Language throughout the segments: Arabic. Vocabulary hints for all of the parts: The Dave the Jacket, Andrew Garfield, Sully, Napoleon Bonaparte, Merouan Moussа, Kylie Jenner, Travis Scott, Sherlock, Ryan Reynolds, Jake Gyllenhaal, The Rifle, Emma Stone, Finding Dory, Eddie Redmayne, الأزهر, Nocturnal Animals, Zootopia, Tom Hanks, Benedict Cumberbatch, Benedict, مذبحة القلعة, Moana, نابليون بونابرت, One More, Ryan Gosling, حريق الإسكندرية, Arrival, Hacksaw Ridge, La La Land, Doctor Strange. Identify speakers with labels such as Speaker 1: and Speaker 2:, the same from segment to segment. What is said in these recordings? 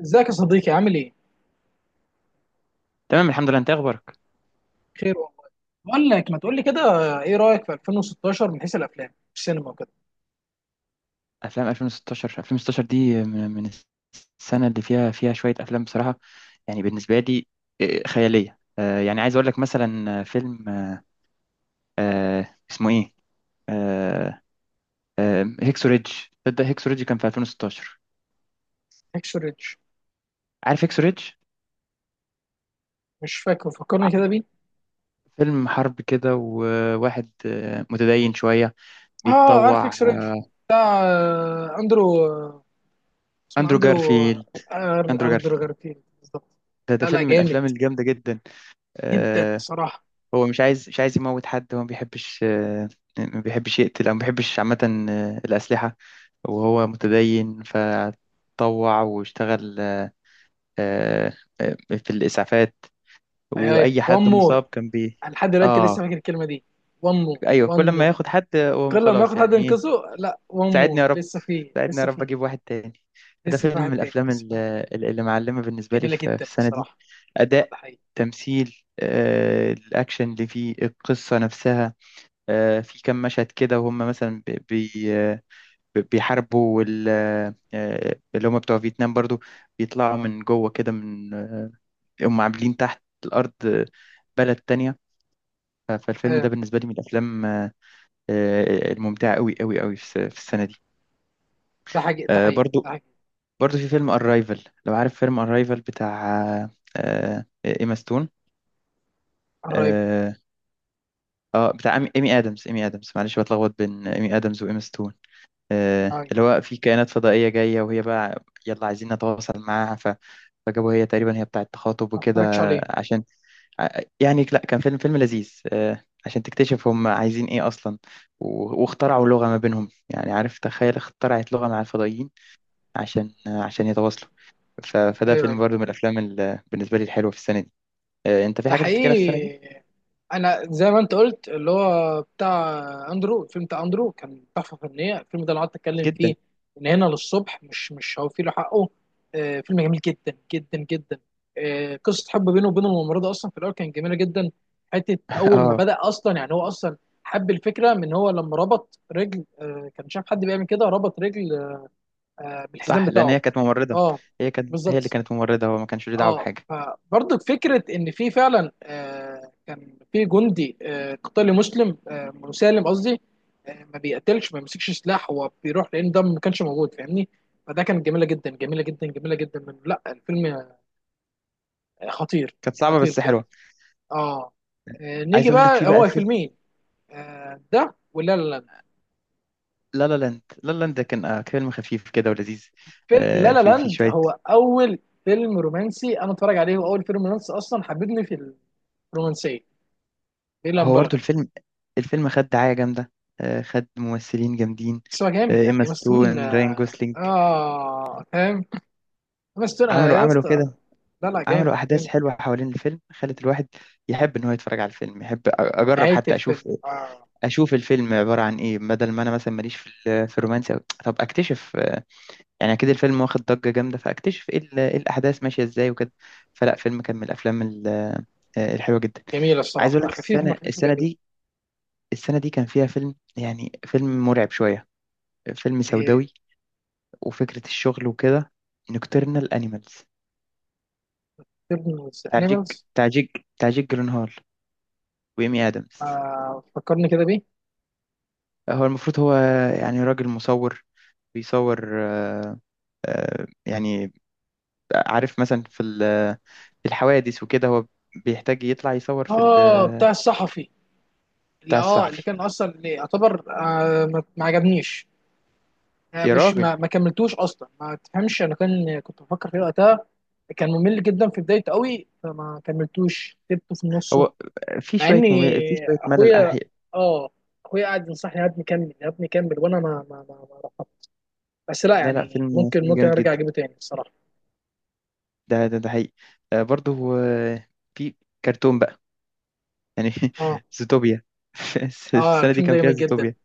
Speaker 1: ازيك يا صديقي، عامل ايه؟
Speaker 2: تمام، الحمد لله. انت إيه اخبارك؟
Speaker 1: خير والله. بقول لك، ما تقول لي كده، ايه رايك في 2016 من حيث الافلام، السينما وكده؟
Speaker 2: افلام 2016 دي من السنه اللي فيها شويه افلام بصراحه. يعني بالنسبه لي، خياليه. يعني عايز اقول لك مثلا آه، فيلم آه، آه، اسمه ايه آه، آه، هيكسو ريدج. تصدق هيكسو ريدج كان في 2016؟
Speaker 1: اكس ريدج.
Speaker 2: عارف هيكسو ريدج؟
Speaker 1: مش فاكر، فكرني كده بيه.
Speaker 2: فيلم حرب كده، وواحد متدين شويه،
Speaker 1: اه، عارف
Speaker 2: بيتطوع.
Speaker 1: اكس ريدج، بتاع اندرو، اسمه
Speaker 2: اندرو
Speaker 1: اندرو. آه،
Speaker 2: جارفيلد. اندرو
Speaker 1: اندرو
Speaker 2: جارفيلد
Speaker 1: جارفيلد بالظبط.
Speaker 2: ده
Speaker 1: لا لا،
Speaker 2: فيلم من
Speaker 1: جامد
Speaker 2: الافلام الجامده جدا.
Speaker 1: جدا
Speaker 2: آه،
Speaker 1: صراحه.
Speaker 2: هو مش عايز، مش عايز يموت حد. هو ما بيحبش، ما بيحبش يقتل، او ما بيحبش عامة الأسلحة، وهو متدين فطوع واشتغل آه، في الإسعافات،
Speaker 1: اي اي،
Speaker 2: وأي
Speaker 1: وان
Speaker 2: حد
Speaker 1: مور.
Speaker 2: مصاب كان بي
Speaker 1: لحد دلوقتي لسه
Speaker 2: آه
Speaker 1: فاكر الكلمه دي. وان مور،
Speaker 2: أيوه،
Speaker 1: وان
Speaker 2: كل ما
Speaker 1: مور.
Speaker 2: ياخد حد هو
Speaker 1: كل ما
Speaker 2: خلاص
Speaker 1: ياخد حد
Speaker 2: يعني إيه.
Speaker 1: ينقذه، لا، وان
Speaker 2: ساعدني
Speaker 1: مور،
Speaker 2: يا رب،
Speaker 1: لسه فيه
Speaker 2: ساعدني يا
Speaker 1: لسه
Speaker 2: رب
Speaker 1: فيه.
Speaker 2: أجيب واحد تاني. فده
Speaker 1: لسه في
Speaker 2: فيلم
Speaker 1: واحد
Speaker 2: من
Speaker 1: تاني،
Speaker 2: الأفلام
Speaker 1: لسه في واحد.
Speaker 2: اللي معلمة بالنسبة لي
Speaker 1: جميله
Speaker 2: في
Speaker 1: جدا
Speaker 2: السنة دي.
Speaker 1: الصراحه.
Speaker 2: أداء،
Speaker 1: ده؟
Speaker 2: تمثيل، الأكشن اللي فيه، القصة نفسها. في كام مشهد كده وهم مثلا بيحاربوا اللي هم بتوع فيتنام برضو، بيطلعوا من جوه كده، من هم عاملين تحت الأرض بلد تانية. فالفيلم
Speaker 1: ايوه،
Speaker 2: ده بالنسبة لي من الأفلام الممتعة قوي قوي قوي في في السنة دي.
Speaker 1: ده حقيقي، ده
Speaker 2: آه،
Speaker 1: حقيقي،
Speaker 2: برضو
Speaker 1: ده حقيقي.
Speaker 2: برضو في فيلم أرايفل. لو عارف فيلم أرايفل بتاع آه، آه، إيما ستون.
Speaker 1: الرايفل.
Speaker 2: اه. بتاع إيمي آدمز. إيمي آدمز، معلش بتلخبط بين إيمي آدمز وإيما ستون.
Speaker 1: ايوه،
Speaker 2: اللي هو، في كائنات فضائية جاية وهي بقى يلا عايزين نتواصل معاها. فجابوا هي تقريبا هي بتاعة تخاطب
Speaker 1: ما
Speaker 2: وكده،
Speaker 1: اتفرجش عليه.
Speaker 2: عشان يعني، لا، كان فيلم لذيذ عشان تكتشف هم عايزين ايه اصلا. واخترعوا لغة ما بينهم. يعني، عارف، تخيل اخترعت لغة مع الفضائيين عشان عشان يتواصلوا. فده
Speaker 1: ايوه
Speaker 2: فيلم
Speaker 1: ايوه،
Speaker 2: برضو من الافلام بالنسبة لي الحلوة في السنة دي. انت في
Speaker 1: ده
Speaker 2: حاجة تفتكرها في السنة دي؟
Speaker 1: حقيقي. انا زي ما انت قلت، اللي هو بتاع اندرو، الفيلم بتاع اندرو كان تحفه فنيه، الفيلم ده انا قعدت اتكلم فيه
Speaker 2: جدا.
Speaker 1: من هنا للصبح، مش هوفي له حقه. آه، فيلم جميل جدا جدا جدا. آه، قصه حب بينه وبين الممرضه اصلا في الاول كان جميله جدا. حته اول ما
Speaker 2: اه.
Speaker 1: بدا اصلا، يعني هو اصلا حب الفكره من، هو لما ربط رجل، كان شاف حد بيعمل كده، ربط رجل بالحزام
Speaker 2: صح، لان
Speaker 1: بتاعه.
Speaker 2: هي كانت ممرضة.
Speaker 1: اه،
Speaker 2: هي اللي
Speaker 1: بالظبط.
Speaker 2: كانت ممرضة، هو ما كانش له دعوة
Speaker 1: اه،
Speaker 2: بحاجة.
Speaker 1: فبرضه فكره ان في فعلا، كان في جندي قتالي مسلم، مسالم قصدي، ما بيقتلش ما بيمسكش سلاح، هو بيروح، لان ده ما كانش موجود، فاهمني؟ فده كانت جميله جدا، جميله جدا، جميله جدا من لا الفيلم. آه، خطير.
Speaker 2: كانت صعبة
Speaker 1: خطير
Speaker 2: بس
Speaker 1: بجد.
Speaker 2: حلوة.
Speaker 1: اه. نيجي
Speaker 2: عايز اقول لك، في
Speaker 1: بقى،
Speaker 2: بقى
Speaker 1: هو
Speaker 2: فيلم
Speaker 1: فيلمين. ده ولا لا لاند.
Speaker 2: لا لا لاند. لا لا لاند ده كان فيلم خفيف كده ولذيذ.
Speaker 1: لا لا
Speaker 2: في
Speaker 1: لاند
Speaker 2: شويه.
Speaker 1: هو اول فيلم رومانسي انا اتفرج عليه، واول فيلم رومانسي اصلا حببني في رومانسيه، دي لا
Speaker 2: هو برضه
Speaker 1: مبالغه.
Speaker 2: الفيلم خد دعايه جامده، خد ممثلين جامدين
Speaker 1: بس هو جامد، يعني
Speaker 2: ايما
Speaker 1: ايما ستون.
Speaker 2: ستون، راين جوسلينج.
Speaker 1: اه، فاهم. ايما ستون انا
Speaker 2: عملوا
Speaker 1: يا
Speaker 2: عملوا
Speaker 1: اسطى.
Speaker 2: كده،
Speaker 1: لا لا، جامد
Speaker 2: عملوا احداث
Speaker 1: جامد.
Speaker 2: حلوه حوالين الفيلم، خلت الواحد يحب ان هو يتفرج على الفيلم. يحب اجرب
Speaker 1: نهايه
Speaker 2: حتى
Speaker 1: الفيلم
Speaker 2: اشوف،
Speaker 1: آه.
Speaker 2: اشوف الفيلم عباره عن ايه، بدل ما انا مثلا ماليش في في الرومانسي أوي. طب اكتشف، يعني اكيد الفيلم واخد ضجة جامدة، فاكتشف ايه إيه الاحداث ماشية ازاي وكده. فلا، فيلم كان من الافلام الحلوة جدا.
Speaker 1: جميله
Speaker 2: عايز اقول
Speaker 1: الصراحه،
Speaker 2: لك
Speaker 1: خفيف
Speaker 2: السنة،
Speaker 1: خفيف وجميل.
Speaker 2: السنة دي كان فيها فيلم، يعني فيلم مرعب شوية، فيلم
Speaker 1: ايه؟
Speaker 2: سوداوي، وفكرة الشغل وكده، نوكترنال انيمالز،
Speaker 1: فيلم
Speaker 2: بتاع جيك
Speaker 1: انيمالز.
Speaker 2: بتاع جيك بتاع جيك جيلنهال وإيمي آدمز.
Speaker 1: آه، فكرني كده بيه.
Speaker 2: هو، يعني، راجل مصور بيصور يعني عارف مثلا في في الحوادث وكده هو بيحتاج يطلع يصور في
Speaker 1: اه، بتاع الصحفي اللي،
Speaker 2: بتاع
Speaker 1: اه، اللي
Speaker 2: الصحفي.
Speaker 1: كان اصلا، اللي يعتبر، ما عجبنيش. آه،
Speaker 2: يا
Speaker 1: مش
Speaker 2: راجل،
Speaker 1: ما كملتوش اصلا، ما تفهمش انا، كان كنت بفكر فيه وقتها. كان ممل جدا في بدايته قوي، فما كملتوش، سبته في النص.
Speaker 2: هو
Speaker 1: مع ان
Speaker 2: في شوية ملل
Speaker 1: اخويا،
Speaker 2: أحياء.
Speaker 1: اه، اخويا قاعد ينصحني يا ابني كمل، يا ابني كمل، وانا ما رفضت. بس لا
Speaker 2: لا، لا،
Speaker 1: يعني،
Speaker 2: فيلم
Speaker 1: ممكن
Speaker 2: فيلم جامد
Speaker 1: ارجع
Speaker 2: جدا.
Speaker 1: اجيبه تاني الصراحه.
Speaker 2: ده ده حقيقي. آه برضه آه، في كرتون بقى، يعني،
Speaker 1: اه.
Speaker 2: زوتوبيا. في
Speaker 1: اه،
Speaker 2: السنة دي
Speaker 1: الفيلم ده
Speaker 2: كان فيها
Speaker 1: جميل جدا.
Speaker 2: زوتوبيا.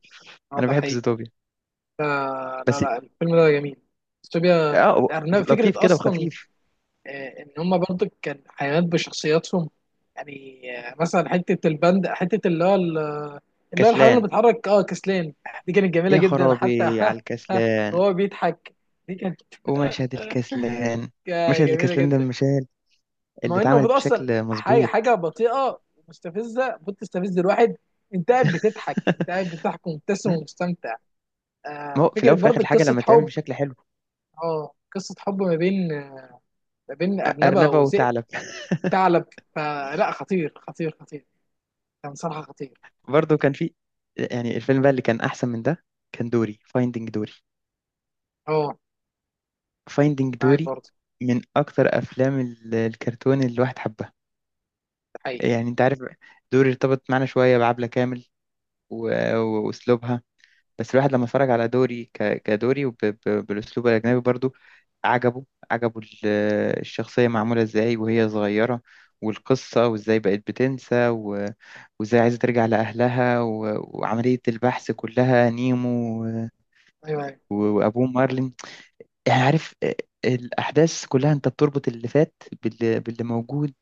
Speaker 1: اه،
Speaker 2: أنا
Speaker 1: ده
Speaker 2: بحب
Speaker 1: حقيقي.
Speaker 2: زوتوبيا،
Speaker 1: آه لا
Speaker 2: بس.
Speaker 1: لا، الفيلم ده جميل. استوبيا.
Speaker 2: اه،
Speaker 1: الارنب، فكره
Speaker 2: لطيف كده
Speaker 1: اصلا،
Speaker 2: وخفيف.
Speaker 1: آه، ان هم برضه كان حيوانات بشخصياتهم، يعني آه، مثلا حته البند، حته اللي هو اللي هو الحيوان اللي
Speaker 2: كسلان.
Speaker 1: بيتحرك، اه، كسلان. دي كانت جميله
Speaker 2: يا
Speaker 1: جدا حتى
Speaker 2: خرابي على
Speaker 1: ها. ها،
Speaker 2: الكسلان.
Speaker 1: هو بيضحك. دي كانت
Speaker 2: ومشهد الكسلان مشهد
Speaker 1: جميله
Speaker 2: الكسلان ده من
Speaker 1: جدا.
Speaker 2: المشاهد اللي
Speaker 1: ما انه
Speaker 2: اتعملت
Speaker 1: المفروض اصلا
Speaker 2: بشكل
Speaker 1: حاجه
Speaker 2: مظبوط.
Speaker 1: حاجه بطيئه ومستفزه، المفروض تستفز الواحد، انت قاعد بتضحك، انت قاعد بتضحك ومبتسم
Speaker 2: لا، لا.
Speaker 1: ومستمتع.
Speaker 2: ما
Speaker 1: آه،
Speaker 2: هو في الأول
Speaker 1: فكره
Speaker 2: وفي الآخر
Speaker 1: برضه
Speaker 2: الحاجة
Speaker 1: قصه
Speaker 2: لما تتعمل
Speaker 1: حب.
Speaker 2: بشكل حلو.
Speaker 1: اه، قصه حب ما بين، ارنبه
Speaker 2: أرنبة
Speaker 1: وذئب،
Speaker 2: وثعلب.
Speaker 1: وثعلب. فلا، خطير خطير خطير، كان صراحه خطير.
Speaker 2: برضه كان في، يعني، الفيلم بقى اللي كان احسن من ده كان دوري، فايندينج دوري.
Speaker 1: اه،
Speaker 2: فايندينج
Speaker 1: معاك
Speaker 2: دوري
Speaker 1: برضه.
Speaker 2: من اكتر افلام الكرتون اللي الواحد حبها.
Speaker 1: ده حقيقي.
Speaker 2: يعني انت عارف، دوري ارتبط معانا شويه بعبلة كامل واسلوبها، بس الواحد لما اتفرج على دوري كدوري بالاسلوب الاجنبي برضو، عجبه، عجبه الشخصيه معموله ازاي وهي صغيره، والقصه، وازاي بقت بتنسى، وازاي عايزه ترجع لاهلها، وعمليه البحث كلها، نيمو
Speaker 1: ايوه ايوه،
Speaker 2: وابوه مارلين. يعني، عارف، الاحداث كلها انت بتربط اللي فات باللي موجود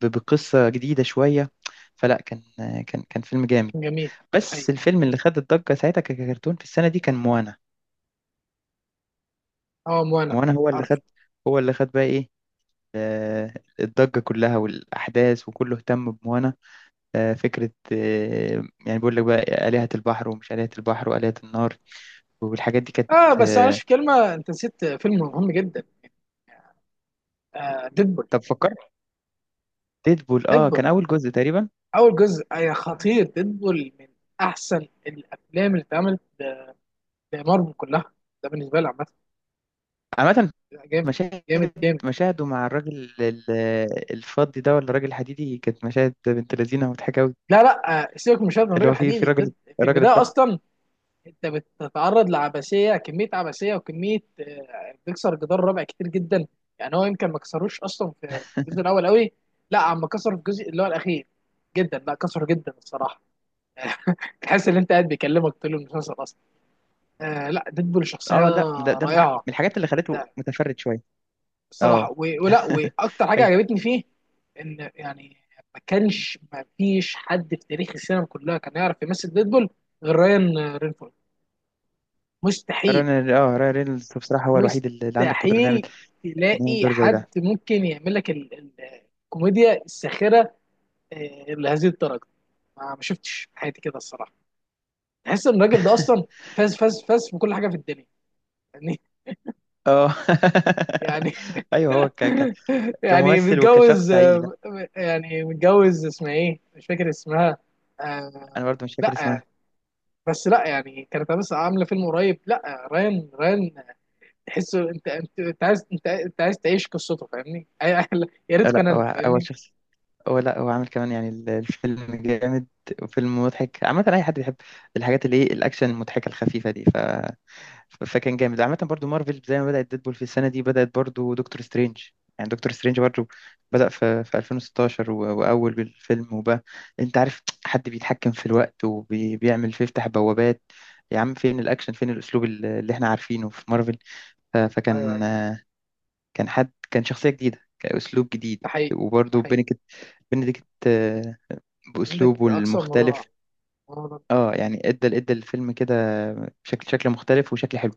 Speaker 2: بقصه جديده شويه. فلا، كان كان فيلم جامد،
Speaker 1: كان جميل. ده
Speaker 2: بس
Speaker 1: حقيقي.
Speaker 2: الفيلم اللي خد الضجه ساعتها ككرتون في السنه دي كان موانا.
Speaker 1: اه، وانا
Speaker 2: موانا هو اللي خد،
Speaker 1: عارف.
Speaker 2: هو اللي خد بقى ايه آه، الضجه كلها، والاحداث، وكله اهتم بموانا. فكره، يعني بيقول لك بقى آلهة البحر، ومش آلهة البحر، وآلهة النار. والحاجات دي كانت
Speaker 1: اه، بس معلش،
Speaker 2: آه،
Speaker 1: في كلمه، انت نسيت فيلم مهم جدا. آه، ديدبول.
Speaker 2: طب فكرت. ديدبول، اه كان
Speaker 1: ديدبول
Speaker 2: اول جزء تقريبا.
Speaker 1: اول جزء، أي خطير. ديدبول من احسن الافلام اللي اتعملت لمارفل كلها، ده بالنسبه لي عامه.
Speaker 2: عامه،
Speaker 1: لا، جامد
Speaker 2: مشاهد
Speaker 1: جامد جامد.
Speaker 2: مشاهده مع الراجل الفضي ده، ولا الراجل الحديدي، كانت مشاهد بنت لذينه ومضحكه قوي.
Speaker 1: لا لا، سيبك من شاب من
Speaker 2: اللي
Speaker 1: راجل
Speaker 2: هو في
Speaker 1: حديدي ده.
Speaker 2: راجل،
Speaker 1: في
Speaker 2: الراجل
Speaker 1: البدايه
Speaker 2: الضخم.
Speaker 1: اصلا انت بتتعرض لعبثيه، كميه عبثيه وكميه، بتكسر جدار الرابع كتير جدا. يعني هو يمكن ما كسروش اصلا في الجزء الاول قوي. لا، عم كسر في الجزء اللي هو الاخير جدا، لا كسره جدا الصراحه. تحس ان انت قاعد بيكلمك طول المسلسل اصلا. آه لا، ديدبول شخصيه
Speaker 2: اه، لا، ده من من
Speaker 1: رائعه
Speaker 2: الحاجات اللي خلته متفرد شويه. اه.
Speaker 1: الصراحه، ولا واكتر حاجه
Speaker 2: ايوه.
Speaker 1: عجبتني فيه، ان يعني ما فيش حد في تاريخ السينما كلها كان يعرف يمثل ديدبول غير رايان رينفورد. مستحيل.
Speaker 2: ران اه راين رينولدز بصراحه هو الوحيد اللي عنده القدره انه يعمل،
Speaker 1: مستحيل
Speaker 2: انه يعمل
Speaker 1: تلاقي
Speaker 2: دور زي
Speaker 1: حد
Speaker 2: ده.
Speaker 1: ممكن يعمل لك الكوميديا الساخره لهذه الدرجه. ما شفتش في حياتي كده الصراحه. تحس ان الراجل ده اصلا فاز فاز فاز في كل حاجه في الدنيا يعني.
Speaker 2: اه.
Speaker 1: يعني.
Speaker 2: ايوه، هو
Speaker 1: يعني
Speaker 2: كممثل
Speaker 1: متجوز
Speaker 2: وكشخص حقيقي. لا.
Speaker 1: يعني متجوز، اسمها ايه مش فاكر اسمها.
Speaker 2: انا
Speaker 1: آه.
Speaker 2: برضو مش فاكر
Speaker 1: لا،
Speaker 2: اسمها.
Speaker 1: بس لا يعني كانت، بس عامله فيلم قريب، لا، ريان، تحسه انت عايز، انت عايز تعيش قصته، فاهمني؟ يا ريت
Speaker 2: لا،
Speaker 1: كان، انا
Speaker 2: هو، هو
Speaker 1: فاهمني.
Speaker 2: شخص، هو لا هو عامل كمان، يعني الفيلم جامد، وفيلم مضحك عامة، أي حد بيحب الحاجات اللي، ايه، الأكشن المضحكة الخفيفة دي. فكان جامد عامة. برضو مارفل زي ما بدأت ديدبول في السنة دي، بدأت برضو دكتور سترينج. يعني دكتور سترينج برضو بدأ في 2016، وأول الفيلم، وبقى أنت عارف، حد بيتحكم في الوقت، وبيعمل، بيفتح بوابات، يا عم فين الأكشن، فين الأسلوب اللي احنا عارفينه في مارفل.
Speaker 1: ايوه
Speaker 2: فكان،
Speaker 1: ايوه،
Speaker 2: كان حد، كان شخصية جديدة، كأسلوب جديد.
Speaker 1: ده حقيقي، ده
Speaker 2: وبرضو
Speaker 1: حقيقي.
Speaker 2: بينكت، بنديكت،
Speaker 1: عندك
Speaker 2: بأسلوبه
Speaker 1: اكثر من رائع.
Speaker 2: المختلف. اه، يعني ادى الفيلم كده شكل مختلف وشكل حلو.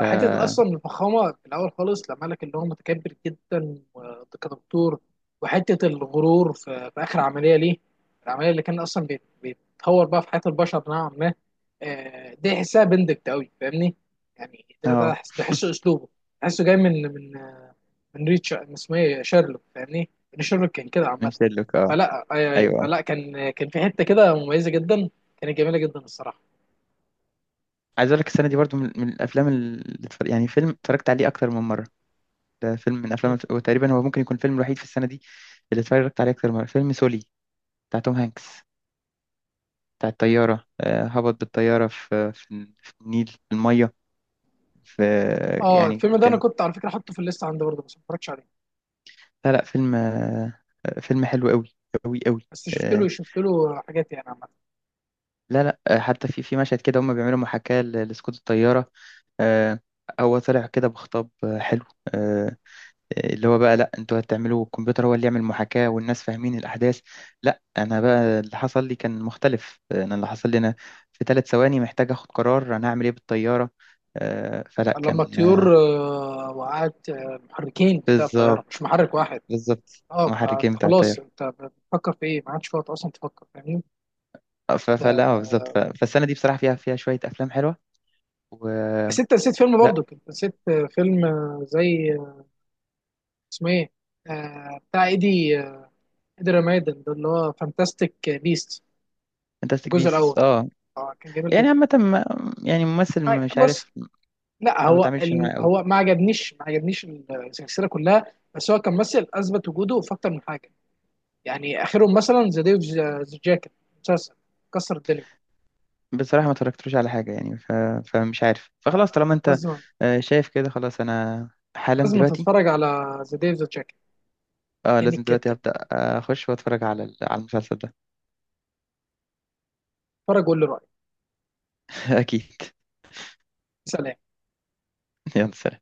Speaker 2: ف
Speaker 1: حته اصلا الفخامه في الاول خالص، لما قال لك ان هو متكبر جدا كدكتور، وحته الغرور في اخر عمليه ليه، العمليه اللي كان اصلا بيتطور بقى في حياه البشر نوعا ما، آه، دي احسها بندكت قوي، فاهمني؟ يعني ده
Speaker 2: اه
Speaker 1: ده احسه اسلوبه، احسه جاي من ريتش، من اسمه ايه، شارلوك، فاهمني؟ ان شارلوك كان كده
Speaker 2: من
Speaker 1: عامه.
Speaker 2: شيرلوك، اه.
Speaker 1: فلا ايوه ايوه،
Speaker 2: ايوه.
Speaker 1: فلا كان في حته كده مميزه جدا، كانت جميله جدا الصراحه.
Speaker 2: عايز اقول لك السنه دي برضو من الافلام يعني فيلم اتفرجت عليه اكتر من مره. ده فيلم من افلام، وتقريبا هو ممكن يكون الفيلم الوحيد في السنه دي اللي اتفرجت عليه اكتر من مره، فيلم سولي بتاع توم هانكس، بتاع الطياره. هبط بالطياره في في النيل، في الميه. في،
Speaker 1: اه،
Speaker 2: يعني،
Speaker 1: الفيلم ده انا
Speaker 2: كان،
Speaker 1: كنت على فكره حاطه في الليست عندي برضه، بس ما اتفرجتش عليه.
Speaker 2: لا، لا، فيلم، فيلم حلو قوي، قوي قوي.
Speaker 1: بس شفت له حاجات يعني عامة.
Speaker 2: لا، لا، حتى في مشهد كده هم بيعملوا محاكاة لسقوط الطيارة. آه، هو طلع كده بخطاب حلو. آه، اللي هو بقى، لا، انتوا هتعملوا الكمبيوتر هو اللي يعمل محاكاة، والناس فاهمين الأحداث. لا، أنا بقى اللي حصل لي كان مختلف. أنا، اللي حصل لي أنا، في 3 ثواني محتاج أخد قرار أنا هعمل إيه بالطيارة. فلا
Speaker 1: لما
Speaker 2: كان
Speaker 1: الطيور وقعت المحركين بتاع الطيارة، مش
Speaker 2: بالظبط،
Speaker 1: محرك واحد.
Speaker 2: بالظبط
Speaker 1: اه، فأنت
Speaker 2: محركين بتاع
Speaker 1: خلاص
Speaker 2: الطيارة.
Speaker 1: انت بتفكر في ايه؟ ما عادش في وقت اصلا تفكر، فاهمني؟
Speaker 2: فلا بالظبط. فالسنة دي بصراحة فيها شوية أفلام حلوة،
Speaker 1: بس
Speaker 2: ولا
Speaker 1: انت نسيت فيلم برضك، انت نسيت فيلم زي اسمه ايه، بتاع ايدي ايدي رمادن، ده اللي هو فانتاستيك بيست.
Speaker 2: فانتاستيك
Speaker 1: الجزء
Speaker 2: بيس،
Speaker 1: الاول،
Speaker 2: اه.
Speaker 1: اه، كان جميل
Speaker 2: يعني
Speaker 1: جدا.
Speaker 2: عامة، يعني ممثل، مش
Speaker 1: بص،
Speaker 2: عارف،
Speaker 1: لا،
Speaker 2: ما
Speaker 1: هو
Speaker 2: بتعاملش معاه قوي.
Speaker 1: هو ما عجبنيش، السلسلة كلها، بس هو كان ممثل اثبت وجوده في اكتر من حاجة، يعني اخرهم مثلا ذا ديف ذا جاكيت، مسلسل كسر الدنيا.
Speaker 2: بصراحة ما اتفرجتلوش على حاجة. يعني فمش عارف،
Speaker 1: آه،
Speaker 2: فخلاص طالما انت
Speaker 1: لازم
Speaker 2: شايف كده. خلاص، انا حالا
Speaker 1: لازم
Speaker 2: دلوقتي،
Speaker 1: تتفرج على ذا ديف ذا جاكيت،
Speaker 2: اه،
Speaker 1: جامد
Speaker 2: لازم دلوقتي
Speaker 1: جدا.
Speaker 2: هبدأ اخش واتفرج على على المسلسل ده.
Speaker 1: اتفرج وقول لي رايك.
Speaker 2: اكيد.
Speaker 1: سلام.
Speaker 2: يلا سلام.